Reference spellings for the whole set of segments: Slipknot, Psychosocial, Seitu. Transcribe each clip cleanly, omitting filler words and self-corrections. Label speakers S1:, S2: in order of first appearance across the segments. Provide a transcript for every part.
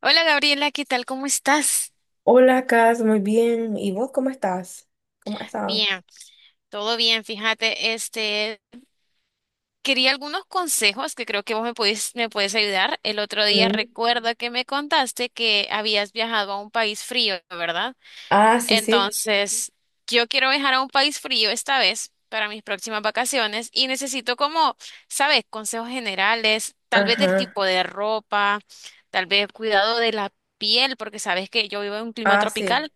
S1: Hola Gabriela, ¿qué tal? ¿Cómo estás?
S2: Hola, Cas, muy bien. ¿Y vos cómo estás? ¿Cómo has estado?
S1: Bien, todo bien, fíjate, quería algunos consejos que creo que vos me puedes ayudar. El otro día
S2: Mm.
S1: recuerdo que me contaste que habías viajado a un país frío, ¿verdad?
S2: Ah, sí, sí.
S1: Entonces, yo quiero viajar a un país frío esta vez para mis próximas vacaciones y necesito como, ¿sabes? Consejos generales, tal vez del
S2: Ajá.
S1: tipo de ropa, tal vez cuidado de la piel, porque sabes que yo vivo en un clima
S2: Ah, sí.
S1: tropical.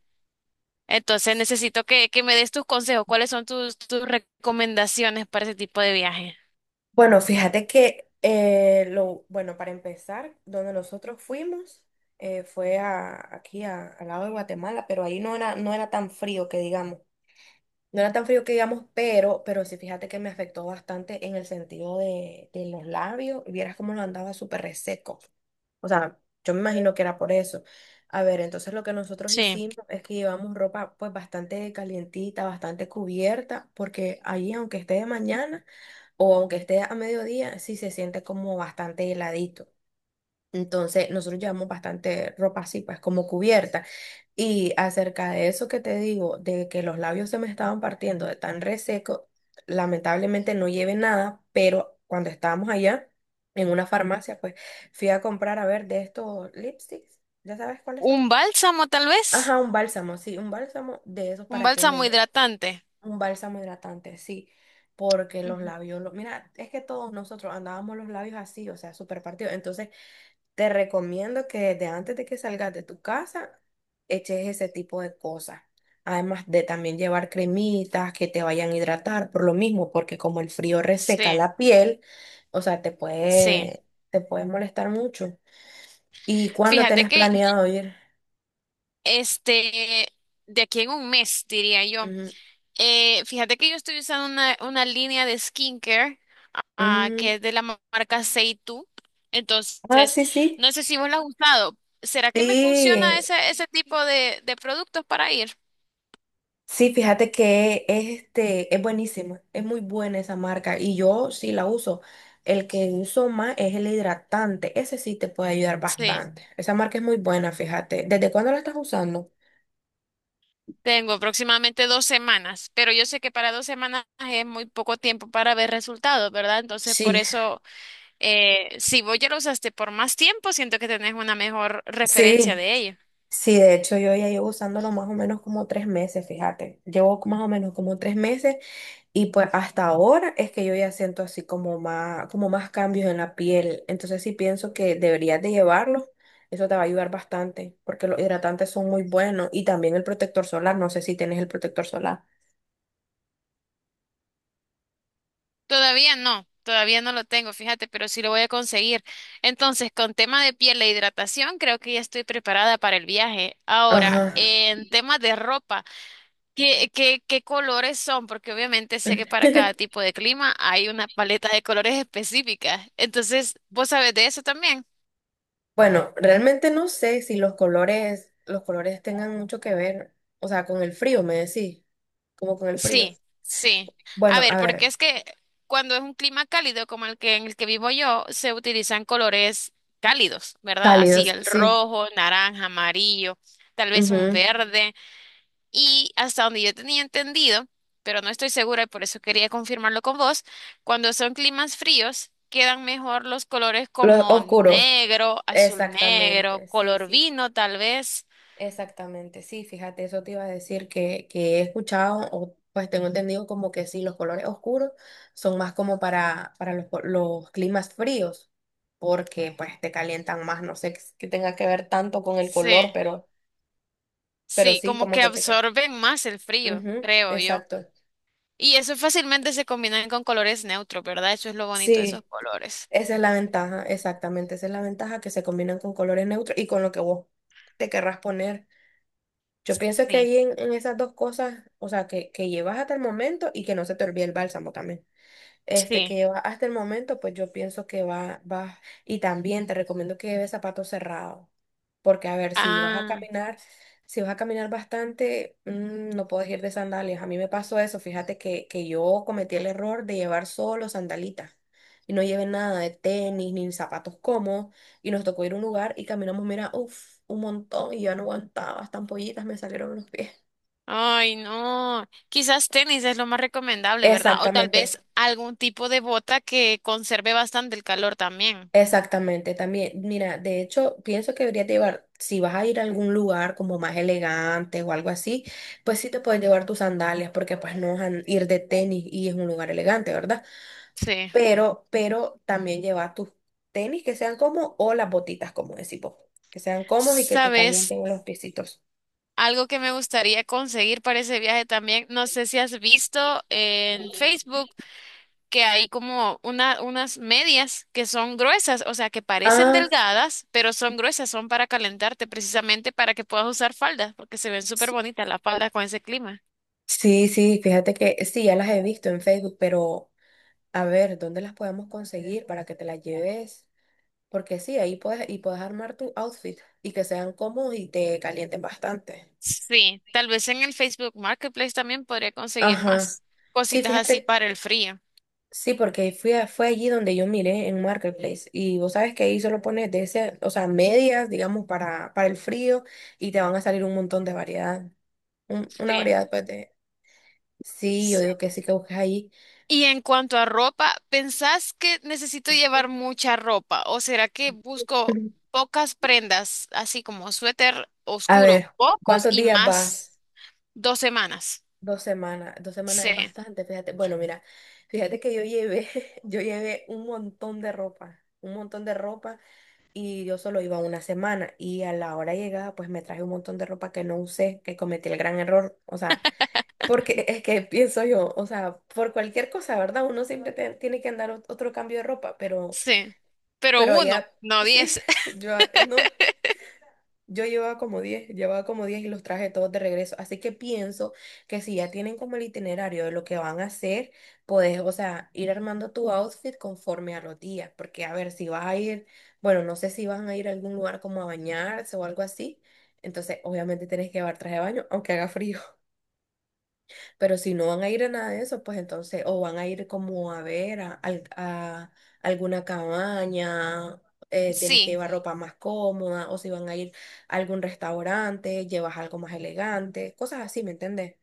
S1: Entonces necesito que me des tus consejos. ¿Cuáles son tus recomendaciones para ese tipo de viaje?
S2: Bueno, fíjate que bueno, para empezar, donde nosotros fuimos aquí al lado de Guatemala, pero ahí no era tan frío que digamos. No era tan frío que digamos, pero sí, fíjate que me afectó bastante en el sentido de los labios. Y vieras cómo lo andaba súper reseco. O sea, yo me imagino que era por eso. A ver, entonces lo que nosotros
S1: Sí.
S2: hicimos es que llevamos ropa pues bastante calientita, bastante cubierta, porque allí aunque esté de mañana o aunque esté a mediodía, sí se siente como bastante heladito. Entonces, nosotros llevamos bastante ropa así, pues como cubierta. Y acerca de eso que te digo, de que los labios se me estaban partiendo de tan reseco, lamentablemente no llevé nada, pero cuando estábamos allá en una farmacia, pues fui a comprar, a ver, de estos lipsticks, ¿ya sabes cuáles son?
S1: ¿Un bálsamo tal vez?
S2: Ajá, un bálsamo, sí, un bálsamo de esos
S1: ¿Un
S2: para que
S1: bálsamo
S2: me,
S1: hidratante?
S2: un bálsamo hidratante, sí, porque los
S1: Ujú.
S2: labios, mira, es que todos nosotros andábamos los labios así, o sea, súper partidos, entonces te recomiendo que desde antes de que salgas de tu casa, eches ese tipo de cosas. Además de también llevar cremitas que te vayan a hidratar por lo mismo, porque como el frío reseca
S1: Sí,
S2: la piel, o sea, te
S1: sí.
S2: puede, te puede molestar mucho. ¿Y cuándo
S1: Fíjate
S2: tenés
S1: que
S2: planeado ir?
S1: este, de aquí en un mes, diría yo.
S2: Ujú.
S1: Fíjate que yo estoy usando una línea de skincare,
S2: Mm.
S1: que es de la marca Seitu.
S2: Ah,
S1: Entonces,
S2: sí, sí.
S1: no sé si vos la has usado. ¿Será que me funciona
S2: Sí,
S1: ese tipo de productos para ir?
S2: Sí, fíjate que es buenísimo, es muy buena esa marca y yo sí la uso. El que uso más es el hidratante, ese sí te puede ayudar
S1: Sí.
S2: bastante. Esa marca es muy buena, fíjate. ¿Desde cuándo la estás usando?
S1: Tengo aproximadamente 2 semanas, pero yo sé que para 2 semanas es muy poco tiempo para ver resultados, ¿verdad? Entonces, por
S2: Sí.
S1: eso, si vos ya lo usaste por más tiempo, siento que tenés una mejor referencia
S2: Sí,
S1: de ello.
S2: sí, de hecho yo ya llevo usándolo más o menos como 3 meses, fíjate. Llevo más o menos como tres meses. Y pues hasta ahora es que yo ya siento así como más cambios en la piel. Entonces sí pienso que deberías de llevarlos. Eso te va a ayudar bastante porque los hidratantes son muy buenos y también el protector solar. No sé si tienes el protector solar.
S1: Todavía no lo tengo, fíjate, pero sí lo voy a conseguir. Entonces, con tema de piel e hidratación, creo que ya estoy preparada para el viaje.
S2: Ajá.
S1: Ahora, en temas de ropa. ¿Qué colores son? Porque obviamente sé que para cada tipo de clima hay una paleta de colores específicas. Entonces, ¿vos sabés de eso también?
S2: Bueno, realmente no sé si los colores tengan mucho que ver, o sea, con el frío, me decís, como con el frío.
S1: Sí, sí. A
S2: Bueno,
S1: ver,
S2: a
S1: porque
S2: ver,
S1: es que cuando es un clima cálido como el que en el que vivo yo, se utilizan colores cálidos, ¿verdad? Así
S2: cálidos,
S1: el
S2: sí.
S1: rojo, naranja, amarillo, tal vez un
S2: Ujú.
S1: verde. Y hasta donde yo tenía entendido, pero no estoy segura y por eso quería confirmarlo con vos, cuando son climas fríos quedan mejor los colores
S2: Los
S1: como
S2: oscuros,
S1: negro, azul negro,
S2: exactamente, sí,
S1: color
S2: sí.
S1: vino tal vez.
S2: Exactamente, sí, fíjate, eso te iba a decir que, he escuchado, o pues tengo entendido como que sí, los colores oscuros son más como para los climas fríos, porque pues te calientan más, no sé qué tenga que ver tanto con el color,
S1: Sí,
S2: pero
S1: sí,
S2: sí,
S1: como
S2: como
S1: que
S2: que te
S1: absorben más el frío,
S2: calientan.
S1: creo yo.
S2: exacto.
S1: Y eso fácilmente se combinan con colores neutros, ¿verdad? Eso es lo bonito de esos
S2: Sí,
S1: colores.
S2: esa es la ventaja, exactamente, esa es la ventaja que se combinan con colores neutros y con lo que vos te querrás poner. Yo pienso que
S1: Sí,
S2: ahí en, esas dos cosas, o sea, que llevas hasta el momento y que no se te olvide el bálsamo también este, que
S1: sí.
S2: lleva hasta el momento, pues yo pienso que va, va. Y también te recomiendo que lleves zapatos cerrados, porque a ver,
S1: Ah.
S2: si vas a caminar bastante, no puedes ir de sandalias. A mí me pasó eso, fíjate que yo cometí el error de llevar solo sandalitas. Y no llevé nada de tenis ni zapatos cómodos. Y nos tocó ir a un lugar y caminamos, mira, uff, un montón. Y yo no aguantaba, hasta ampollitas me salieron en los pies.
S1: Ay, no. Quizás tenis es lo más recomendable, ¿verdad? O tal
S2: Exactamente.
S1: vez algún tipo de bota que conserve bastante el calor también.
S2: Exactamente, también, mira, de hecho, pienso que deberías llevar, si vas a ir a algún lugar como más elegante o algo así, pues sí te puedes llevar tus sandalias, porque pues no vas a ir de tenis y es un lugar elegante, ¿verdad?
S1: Sí.
S2: Pero también lleva tus tenis que sean cómodos o las botitas, como decimos, que sean cómodos y que te
S1: ¿Sabes?
S2: calienten los piecitos.
S1: Algo que me gustaría conseguir para ese viaje también, no sé si has visto en Facebook que hay como unas medias que son gruesas, o sea, que parecen
S2: Ah,
S1: delgadas, pero son gruesas, son para calentarte precisamente para que puedas usar falda, porque se ven súper
S2: sí,
S1: bonitas las faldas con ese clima.
S2: sí, sí, fíjate que sí, ya las he visto en Facebook, pero a ver, ¿dónde las podemos conseguir para que te las lleves? Porque sí, ahí puedes, y puedes armar tu outfit y que sean cómodos y te calienten bastante.
S1: Sí, tal vez en el Facebook Marketplace también podría conseguir
S2: Ajá.
S1: más
S2: Sí,
S1: cositas así
S2: fíjate,
S1: para el frío.
S2: sí, porque fue allí donde yo miré en Marketplace y vos sabes que ahí solo pones de ese, o sea, medias, digamos, para, el frío y te van a salir un montón de variedad. Una
S1: Sí,
S2: variedad, pues, de. Sí, yo
S1: sí.
S2: digo que sí que busques ahí.
S1: Y en cuanto a ropa, ¿pensás que necesito llevar mucha ropa o será que busco pocas prendas, así como suéter
S2: A
S1: oscuro,
S2: ver,
S1: pocos
S2: ¿cuántos
S1: y
S2: días
S1: más
S2: vas?
S1: 2 semanas?
S2: 2 semanas, 2 semanas es
S1: Sí,
S2: bastante, fíjate. Bueno, mira, fíjate que yo llevé, yo llevé un montón de ropa, un montón de ropa y yo solo iba una semana y a la hora llegada pues me traje un montón de ropa que no usé, que cometí el gran error, o sea, porque es que pienso yo, o sea, por cualquier cosa, ¿verdad? Uno siempre tiene que andar otro cambio de ropa, pero,
S1: sí. Pero
S2: pero
S1: uno,
S2: allá
S1: no
S2: sí,
S1: 10.
S2: yo no. Yo llevaba como 10, llevaba como 10 y los traje todos de regreso. Así que pienso que si ya tienen como el itinerario de lo que van a hacer, puedes, o sea, ir armando tu outfit conforme a los días. Porque, a ver, si vas a ir, bueno, no sé si van a ir a algún lugar como a bañarse o algo así. Entonces, obviamente tienes que llevar traje de baño, aunque haga frío. Pero si no van a ir a nada de eso, pues entonces, o van a ir como a ver a alguna cabaña, tienes que
S1: Sí,
S2: llevar ropa más cómoda, o si van a ir a algún restaurante, llevas algo más elegante, cosas así, ¿me entendés?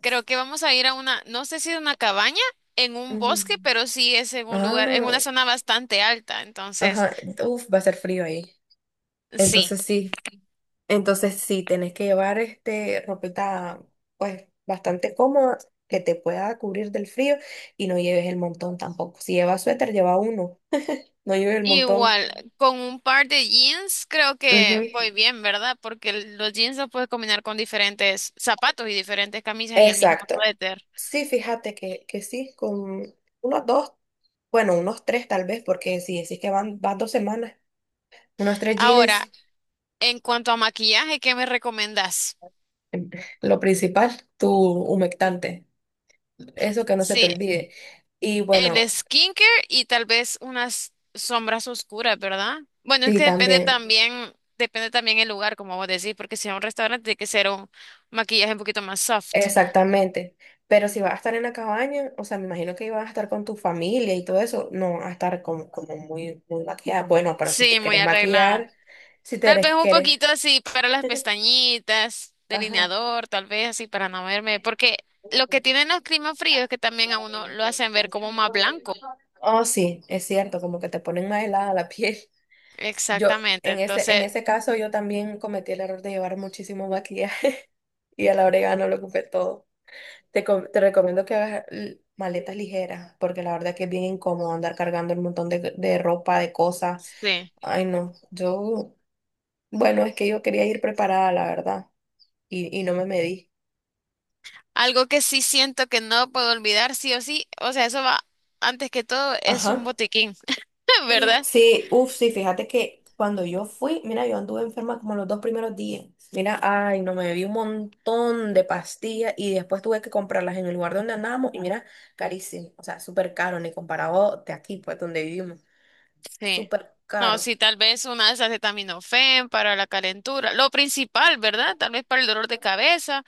S1: creo que vamos a ir a una, no sé si es una cabaña en un
S2: Ujú.
S1: bosque, pero sí es en un lugar, en una
S2: Ah,
S1: zona bastante alta, entonces.
S2: ajá, uf, va a ser frío ahí.
S1: Sí,
S2: Entonces sí, entonces sí, tenés que llevar ropita pues bastante cómoda que te pueda cubrir del frío y no lleves el montón tampoco. Si llevas suéter, lleva uno. No llueve el montón.
S1: igual, con un par de jeans creo que voy
S2: Ujú.
S1: bien, ¿verdad? Porque los jeans los puedes combinar con diferentes zapatos y diferentes camisas y el mismo
S2: Exacto.
S1: suéter.
S2: Sí, fíjate que, sí, con unos dos, bueno, unos tres tal vez, porque si decís que van 2 semanas, unos tres
S1: Ahora,
S2: jeans,
S1: en cuanto a maquillaje, ¿qué me recomendás?
S2: em, lo principal, tu humectante, eso que no se te
S1: Sí,
S2: olvide. Y
S1: el
S2: bueno,
S1: skincare y tal vez unas sombras oscuras, ¿verdad? Bueno, es
S2: sí,
S1: que
S2: también,
S1: depende también el lugar, como vos decís, porque si es un restaurante tiene que ser un maquillaje un poquito más soft.
S2: exactamente. Pero si vas a estar en la cabaña, o sea, me imagino que ibas a estar con tu familia y todo eso, no vas a estar como, muy, muy maquillada. Bueno, pero
S1: Sí, muy arreglada.
S2: si te
S1: Tal vez
S2: querés,
S1: un
S2: querés.
S1: poquito así para las pestañitas,
S2: Ajá.
S1: delineador, tal vez así para no verme, porque lo que tienen los climas fríos es que también a uno lo hacen ver como más blanco.
S2: Oh, sí, es cierto, como que te ponen más helada la piel. Yo,
S1: Exactamente,
S2: en ese, en
S1: entonces,
S2: ese caso, yo también cometí el error de llevar muchísimo maquillaje y a la hora no lo ocupé todo. Te recomiendo que hagas maletas ligeras, porque la verdad que es bien incómodo andar cargando un montón de ropa, de cosas.
S1: sí.
S2: Ay, no, yo, bueno, es que yo quería ir preparada, la verdad, y no me medí.
S1: Algo que sí siento que no puedo olvidar, sí o sí, o sea, eso va, antes que todo, es
S2: Ajá.
S1: un botiquín, ¿verdad?
S2: Sí, uff, sí, fíjate que cuando yo fui, mira, yo anduve enferma como los 2 primeros días. Mira, ay, no, me bebí un montón de pastillas y después tuve que comprarlas en el lugar donde andábamos y mira, carísimo, o sea, súper caro, ni comparado de aquí, pues, donde vivimos,
S1: Sí.
S2: súper
S1: No,
S2: caro.
S1: sí, tal vez una de esas acetaminofén para la calentura, lo principal, ¿verdad? Tal vez para el dolor de cabeza.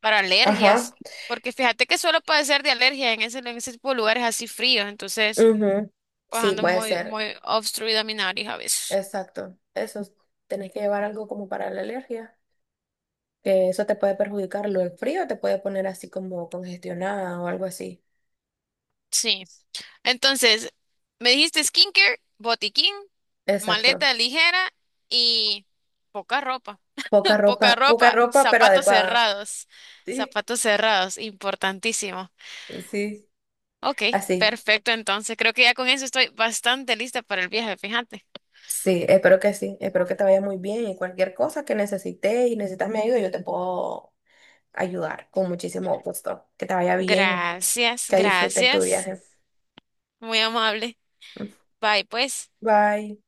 S1: Para
S2: Ajá.
S1: alergias, porque fíjate que suelo padecer de alergias en ese tipo de lugares así fríos, entonces
S2: Ujú.
S1: pues
S2: Sí,
S1: ando
S2: puede
S1: muy,
S2: ser,
S1: muy obstruida mi nariz a veces.
S2: exacto. Eso, tenés que llevar algo como para la alergia, que eso te puede perjudicar, lo del frío te puede poner así como congestionada o algo así.
S1: Sí. Entonces, me dijiste skincare, botiquín, maleta
S2: Exacto.
S1: ligera y poca ropa. Poca
S2: Poca
S1: ropa,
S2: ropa, pero
S1: zapatos
S2: adecuada.
S1: cerrados.
S2: Sí,
S1: Zapatos cerrados, importantísimo.
S2: sí,
S1: Ok,
S2: así.
S1: perfecto. Entonces, creo que ya con eso estoy bastante lista para el viaje, fíjate.
S2: Sí, espero que te vaya muy bien y cualquier cosa que necesites y necesitas mi ayuda, yo te puedo ayudar con muchísimo gusto. Que te vaya bien,
S1: Gracias,
S2: que disfrutes tu
S1: gracias.
S2: viaje.
S1: Muy amable. Bye, pues.
S2: Bye.